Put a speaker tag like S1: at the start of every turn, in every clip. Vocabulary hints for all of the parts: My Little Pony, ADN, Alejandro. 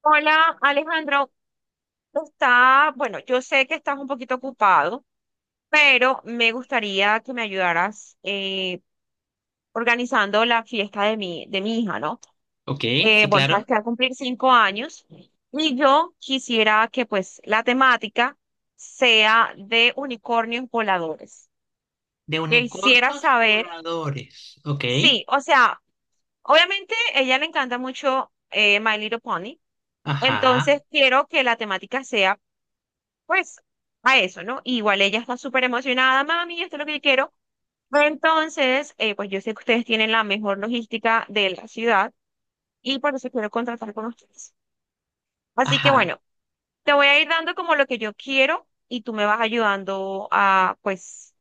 S1: Hola, Alejandro. Está, bueno, yo sé que estás un poquito ocupado, pero me gustaría que me ayudaras organizando la fiesta de de mi hija, ¿no?
S2: Ok, sí,
S1: Bueno, sabes
S2: claro.
S1: que va a cumplir 5 años y yo quisiera que pues la temática sea de unicornios voladores.
S2: De
S1: Quisiera
S2: unicornios
S1: saber.
S2: voladores. Ok.
S1: Sí, o sea, obviamente ella le encanta mucho My Little Pony,
S2: Ajá,
S1: entonces quiero que la temática sea, pues, a eso, ¿no? Igual ella está súper emocionada, mami, esto es lo que yo quiero. Entonces, pues yo sé que ustedes tienen la mejor logística de la ciudad y por eso quiero contratar con ustedes. Así que
S2: ajá.
S1: bueno, te voy a ir dando como lo que yo quiero y tú me vas ayudando a, pues,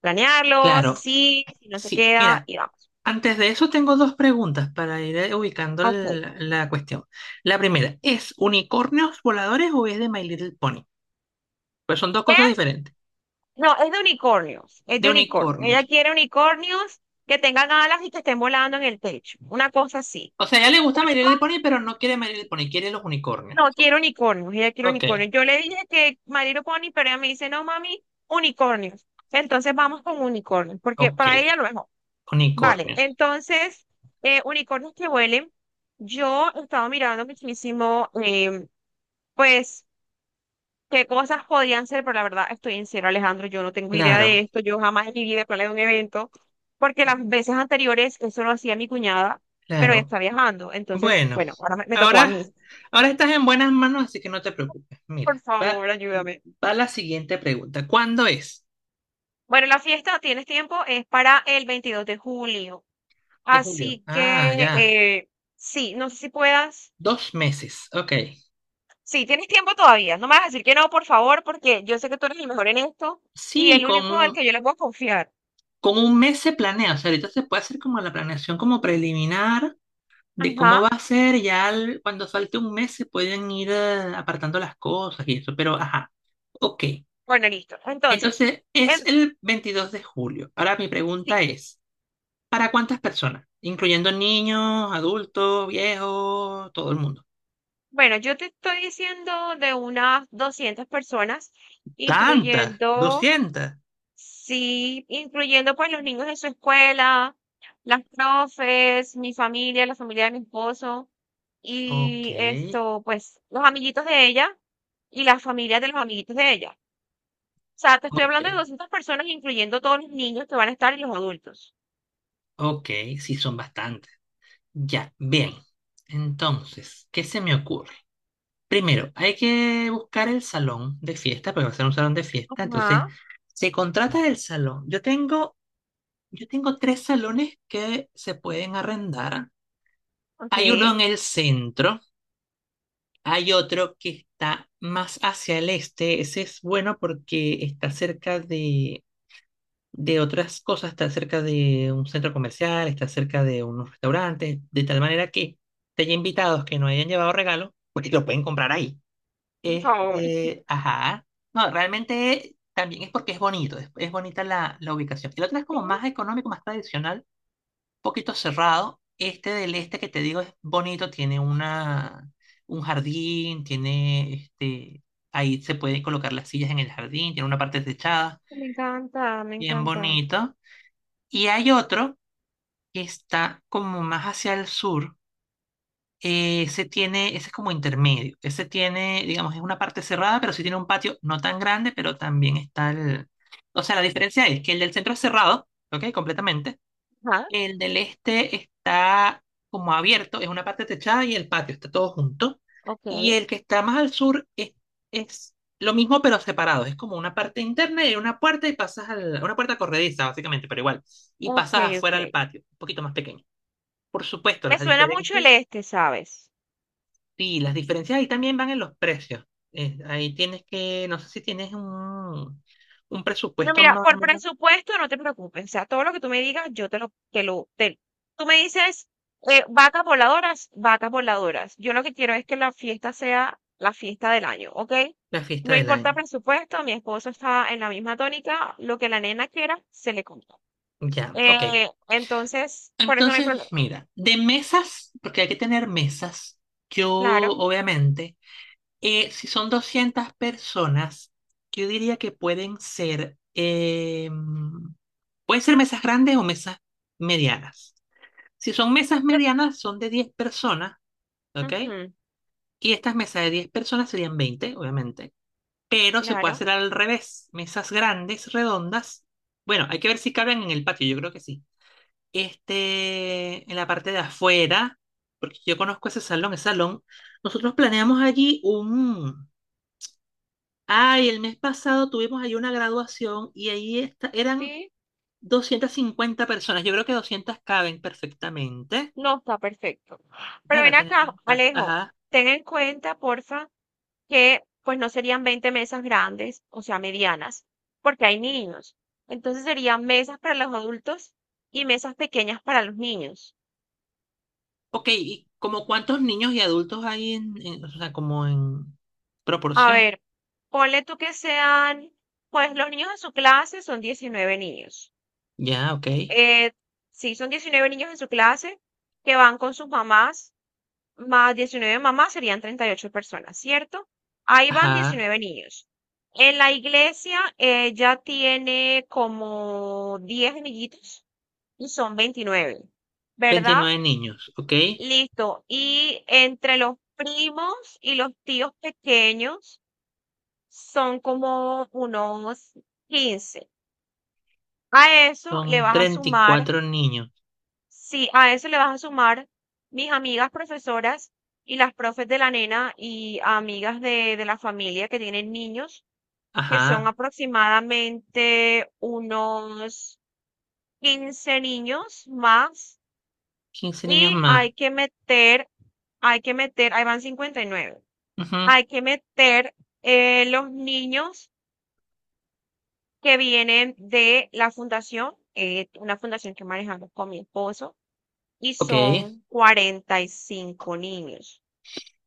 S1: planearlo,
S2: Claro.
S1: si sí, si no se
S2: Sí,
S1: queda
S2: mira,
S1: y vamos.
S2: antes de eso tengo dos preguntas para ir ubicando
S1: Ok.
S2: la cuestión. La primera, ¿es unicornios voladores o es de My Little Pony? Pues son dos
S1: ¿Qué?
S2: cosas diferentes.
S1: No, es de unicornios, es
S2: De
S1: de unicornios.
S2: unicornios.
S1: Ella quiere unicornios que tengan alas y que estén volando en el techo, una cosa así.
S2: O sea, ya le gusta My Little
S1: Unicornio,
S2: Pony, pero no quiere My Little Pony, quiere los unicornios.
S1: no, quiero unicornios, ella quiere
S2: Ok,
S1: unicornios. Yo le dije que My Little Pony, pero ella me dice, no, mami, unicornios. Entonces vamos con unicornios, porque
S2: ok.
S1: para ella lo mejor. Vale,
S2: Unicornios.
S1: entonces, unicornios que huelen. Yo he estado mirando muchísimo, pues qué cosas podían ser, pero la verdad estoy en cero, Alejandro, yo no tengo idea de
S2: Claro,
S1: esto, yo jamás en mi vida he planeado un evento, porque las veces anteriores eso lo hacía mi cuñada, pero ella
S2: claro.
S1: está viajando, entonces,
S2: Bueno,
S1: bueno, ahora me tocó a
S2: ahora,
S1: mí.
S2: ahora estás en buenas manos, así que no te preocupes.
S1: Por
S2: Mira, va,
S1: favor, ayúdame.
S2: va la siguiente pregunta. ¿Cuándo es?
S1: Bueno, la fiesta, tienes tiempo, es para el 22 de julio,
S2: De julio.
S1: así
S2: Ah,
S1: que,
S2: ya.
S1: sí, no sé si puedas,
S2: Dos meses. Ok.
S1: sí, tienes tiempo todavía, no me vas a decir que no, por favor, porque yo sé que tú eres el mejor en esto y
S2: Sí,
S1: el
S2: con
S1: único al
S2: un,
S1: que yo le puedo confiar.
S2: con un mes se planea. O sea, ahorita se puede hacer como la planeación como preliminar de
S1: Ajá,
S2: cómo va a ser. Ya cuando falte un mes se pueden ir apartando las cosas y eso. Pero, ajá. Ok.
S1: bueno, listo. Entonces...
S2: Entonces,
S1: Em,
S2: es el 22 de julio. Ahora mi pregunta
S1: Sí,
S2: es... ¿Para cuántas personas? Incluyendo niños, adultos, viejos, todo el mundo.
S1: bueno, yo te estoy diciendo de unas 200 personas,
S2: ¿Tantas?
S1: incluyendo,
S2: Doscientas.
S1: sí, incluyendo pues los niños de su escuela, las profes, mi familia, la familia de mi esposo
S2: Ok,
S1: y esto, pues los amiguitos de ella y las familias de los amiguitos de ella. O sea, te estoy
S2: ok,
S1: hablando de 200 personas, incluyendo todos los niños que van a estar y los adultos.
S2: ok, sí son bastantes. Ya, bien.
S1: Sí.
S2: Entonces, ¿qué se me ocurre? Primero, hay que buscar el salón de fiesta, porque va a ser un salón de fiesta. Entonces,
S1: Ajá,
S2: se contrata el salón. Yo tengo tres salones que se pueden arrendar.
S1: ok,
S2: Hay uno en el centro. Hay otro que está más hacia el este. Ese es bueno porque está cerca de otras cosas, está cerca de un centro comercial, está cerca de unos restaurantes, de tal manera que te haya invitados que no hayan llevado regalos, pues lo pueden comprar ahí.
S1: por favor.
S2: Este, ajá. No, realmente también es porque es bonito, es bonita la ubicación. El otro es
S1: Sí,
S2: como más económico, más tradicional poquito cerrado. Este del este que te digo es bonito, tiene un jardín, tiene ahí se pueden colocar las sillas en el jardín, tiene una parte techada,
S1: me encanta, me
S2: bien
S1: encanta.
S2: bonito. Y hay otro que está como más hacia el sur. Ese es como intermedio. Ese tiene, digamos, es una parte cerrada, pero sí tiene un patio no tan grande, pero también está el. O sea, la diferencia es que el del centro es cerrado, ¿ok? Completamente.
S1: Ajá,
S2: El del este está como abierto, es una parte techada y el patio está todo junto.
S1: ok.
S2: Y el que está más al sur es lo mismo pero separado, es como una parte interna y una puerta y pasas a una puerta corrediza básicamente, pero igual, y
S1: Ok,
S2: pasas
S1: ok.
S2: afuera al patio, un poquito más pequeño. Por supuesto,
S1: Me
S2: las
S1: suena mucho el
S2: diferencias,
S1: este, ¿sabes?
S2: sí, las diferencias ahí también van en los precios. Ahí tienes que, no sé si tienes un
S1: No,
S2: presupuesto
S1: mira,
S2: más o
S1: por
S2: menos
S1: presupuesto no te preocupes. O sea, todo lo que tú me digas, yo te lo, te lo, te- tú me dices, vacas voladoras, vacas voladoras. Yo lo que quiero es que la fiesta sea la fiesta del año, ¿ok?
S2: la fiesta
S1: No
S2: del
S1: importa
S2: año.
S1: presupuesto, mi esposo está en la misma tónica, lo que la nena quiera, se le compra.
S2: Ya, ok.
S1: Entonces, por eso no hay
S2: Entonces,
S1: problema.
S2: mira, de mesas, porque hay que tener mesas, yo
S1: Claro.
S2: obviamente, si son 200 personas, yo diría que pueden ser mesas grandes o mesas medianas. Si son mesas
S1: Yo-
S2: medianas, son de 10 personas, ¿ok?
S1: Ujú,
S2: Y estas mesas de diez personas serían 20, obviamente, pero se puede
S1: claro.
S2: hacer al revés, mesas grandes, redondas. Bueno, hay que ver si caben en el patio, yo creo que sí en la parte de afuera, porque yo conozco ese salón, nosotros planeamos allí un... Ay, el mes pasado tuvimos allí una graduación y ahí está, eran
S1: Sí.
S2: 250 personas. Yo creo que 200 caben perfectamente.
S1: No, está perfecto.
S2: Ay,
S1: Pero
S2: va a
S1: ven
S2: tener
S1: acá,
S2: más espacio.
S1: Alejo,
S2: Ajá.
S1: ten en cuenta, porfa, que pues no serían 20 mesas grandes, o sea, medianas, porque hay niños. Entonces serían mesas para los adultos y mesas pequeñas para los niños.
S2: Ok, ¿y como cuántos niños y adultos hay o sea, como en
S1: A
S2: proporción?
S1: ver, ponle tú que sean, pues los niños en su clase son 19 niños.
S2: Ya, ok.
S1: Eh, sí, son 19 niños en su clase que van con sus mamás más 19 mamás serían 38 personas, ¿cierto? Ahí van
S2: Ajá.
S1: 19 niños. En la iglesia ella tiene como 10 amiguitos y son 29, ¿verdad?
S2: Veintinueve niños, ok.
S1: Listo. Y entre los primos y los tíos pequeños son como unos 15. A eso le
S2: Son
S1: vas a
S2: treinta y
S1: sumar
S2: cuatro niños.
S1: Sí, a eso le vas a sumar mis amigas profesoras y las profes de la nena y amigas de la familia que tienen niños, que son
S2: Ajá.
S1: aproximadamente unos 15 niños más,
S2: Quince niños
S1: y
S2: más.
S1: ahí van 59,
S2: Ujú.
S1: hay que meter los niños que vienen de la fundación, una fundación que manejamos con mi esposo, y
S2: Ok.
S1: son 45 niños.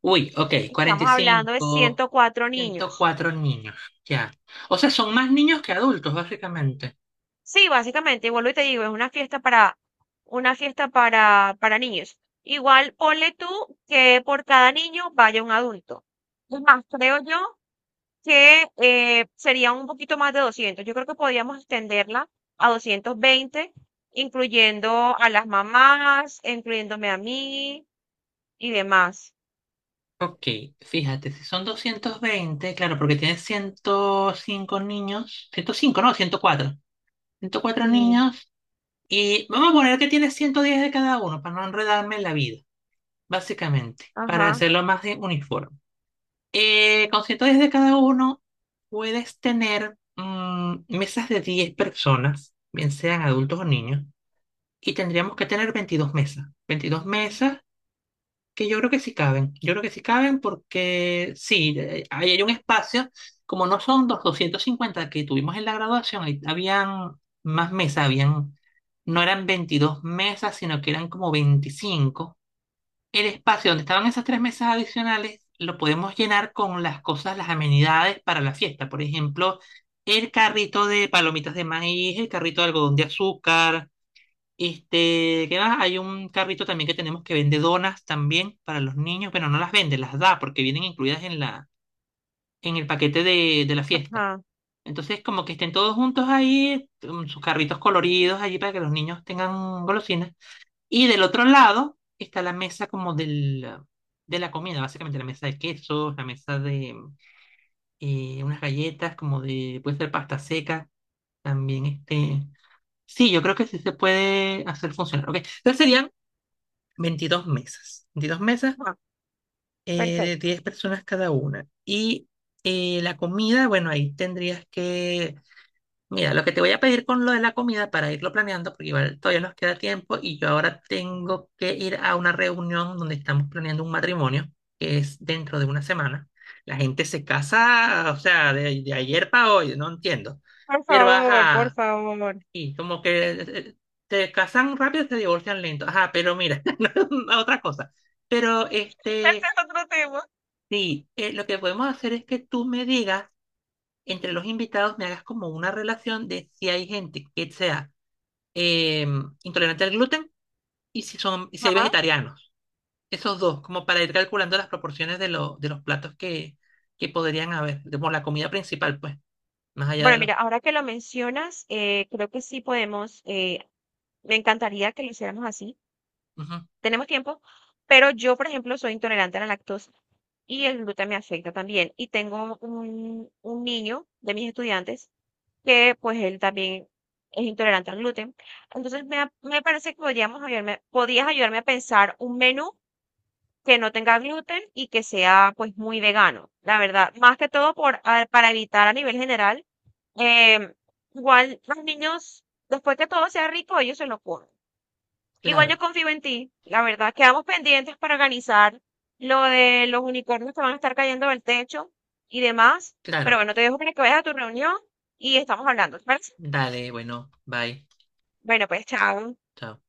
S2: Uy, ok, cuarenta y
S1: Estamos hablando de
S2: cinco,
S1: 104
S2: ciento
S1: niños.
S2: cuatro niños, ya. O sea, son más niños que adultos, básicamente.
S1: Sí, básicamente, y vuelvo y te digo, es una fiesta para niños. Igual ponle tú que por cada niño vaya un adulto. Es más, creo yo que sería un poquito más de 200. Yo creo que podríamos extenderla a 220 incluyendo a las mamás, incluyéndome a mí y demás.
S2: Ok, fíjate, si son 220 claro, porque tienes 105 niños, 105 no, ciento cuatro
S1: Sí,
S2: niños y vamos a poner que tienes 110 de cada uno para no enredarme en la vida, básicamente, para
S1: ajá,
S2: hacerlo más de uniforme. Con 110 cada uno puedes tener mesas de 10 personas, bien sean adultos o niños, y tendríamos que tener 22 mesas que yo creo que sí caben. Yo creo que sí caben porque sí, ahí hay un espacio, como no son los 250 que tuvimos en la graduación, ahí habían más mesas, habían, no eran 22 mesas, sino que eran como 25 el espacio donde estaban esas tres mesas adicionales lo podemos llenar con las cosas, las amenidades para la fiesta. Por ejemplo, el carrito de palomitas de maíz, el carrito de algodón de azúcar. ¿Qué más? Hay un carrito también que tenemos que vende donas también para los niños. Bueno, no las vende, las da porque vienen incluidas en la, en el paquete de la fiesta.
S1: ajá,
S2: Entonces, como que estén todos juntos ahí, sus carritos coloridos allí para que los niños tengan golosinas. Y del otro lado está la mesa como del, de la comida, básicamente la mesa de quesos, la mesa de unas galletas, como de, puede ser pasta seca, también este... Sí, yo creo que sí se puede hacer funcionar. Ok, entonces serían 22 mesas
S1: ajá.
S2: de
S1: Perfecto.
S2: 10 personas cada una. Y la comida, bueno, ahí tendrías que Mira, lo que te voy a pedir con lo de la comida para irlo planeando, porque igual todavía nos queda tiempo y yo ahora tengo que ir a una reunión donde estamos planeando un matrimonio, que es dentro de una semana. La gente se casa, o sea, de ayer para hoy, no entiendo.
S1: Por
S2: Pero
S1: favor, por
S2: ajá,
S1: favor.
S2: y como que te casan rápido, y te divorcian lento. Ajá, pero mira, no, otra cosa. Pero
S1: Ese es otro tema.
S2: sí, lo que podemos hacer es que tú me digas, entre los invitados, me hagas como una relación de si hay gente que sea eh, intolerante al gluten y y si hay
S1: Ajá.
S2: vegetarianos. Esos dos, como para ir calculando las proporciones de los platos que podrían haber, como la comida principal, pues, más allá de
S1: Bueno,
S2: los.
S1: mira, ahora que lo mencionas, creo que sí podemos, me encantaría que lo hiciéramos así.
S2: Ujú.
S1: Tenemos tiempo, pero yo, por ejemplo, soy intolerante a la lactosa y el gluten me afecta también. Y tengo un niño de mis estudiantes que pues él también es intolerante al gluten. Entonces me parece que podías ayudarme a pensar un menú que no tenga gluten y que sea pues muy vegano, la verdad. Más que todo por, para evitar a nivel general. Em, Igual los niños, después que todo sea rico, ellos se lo comen. Igual
S2: Claro,
S1: yo confío en ti, la verdad. Quedamos pendientes para organizar lo de los unicornios que van a estar cayendo del techo y demás. Pero
S2: claro.
S1: bueno, te dejo para que vayas a tu reunión y estamos hablando, ¿te parece?
S2: Dale, bueno, bye.
S1: Bueno, pues chao.
S2: Chao.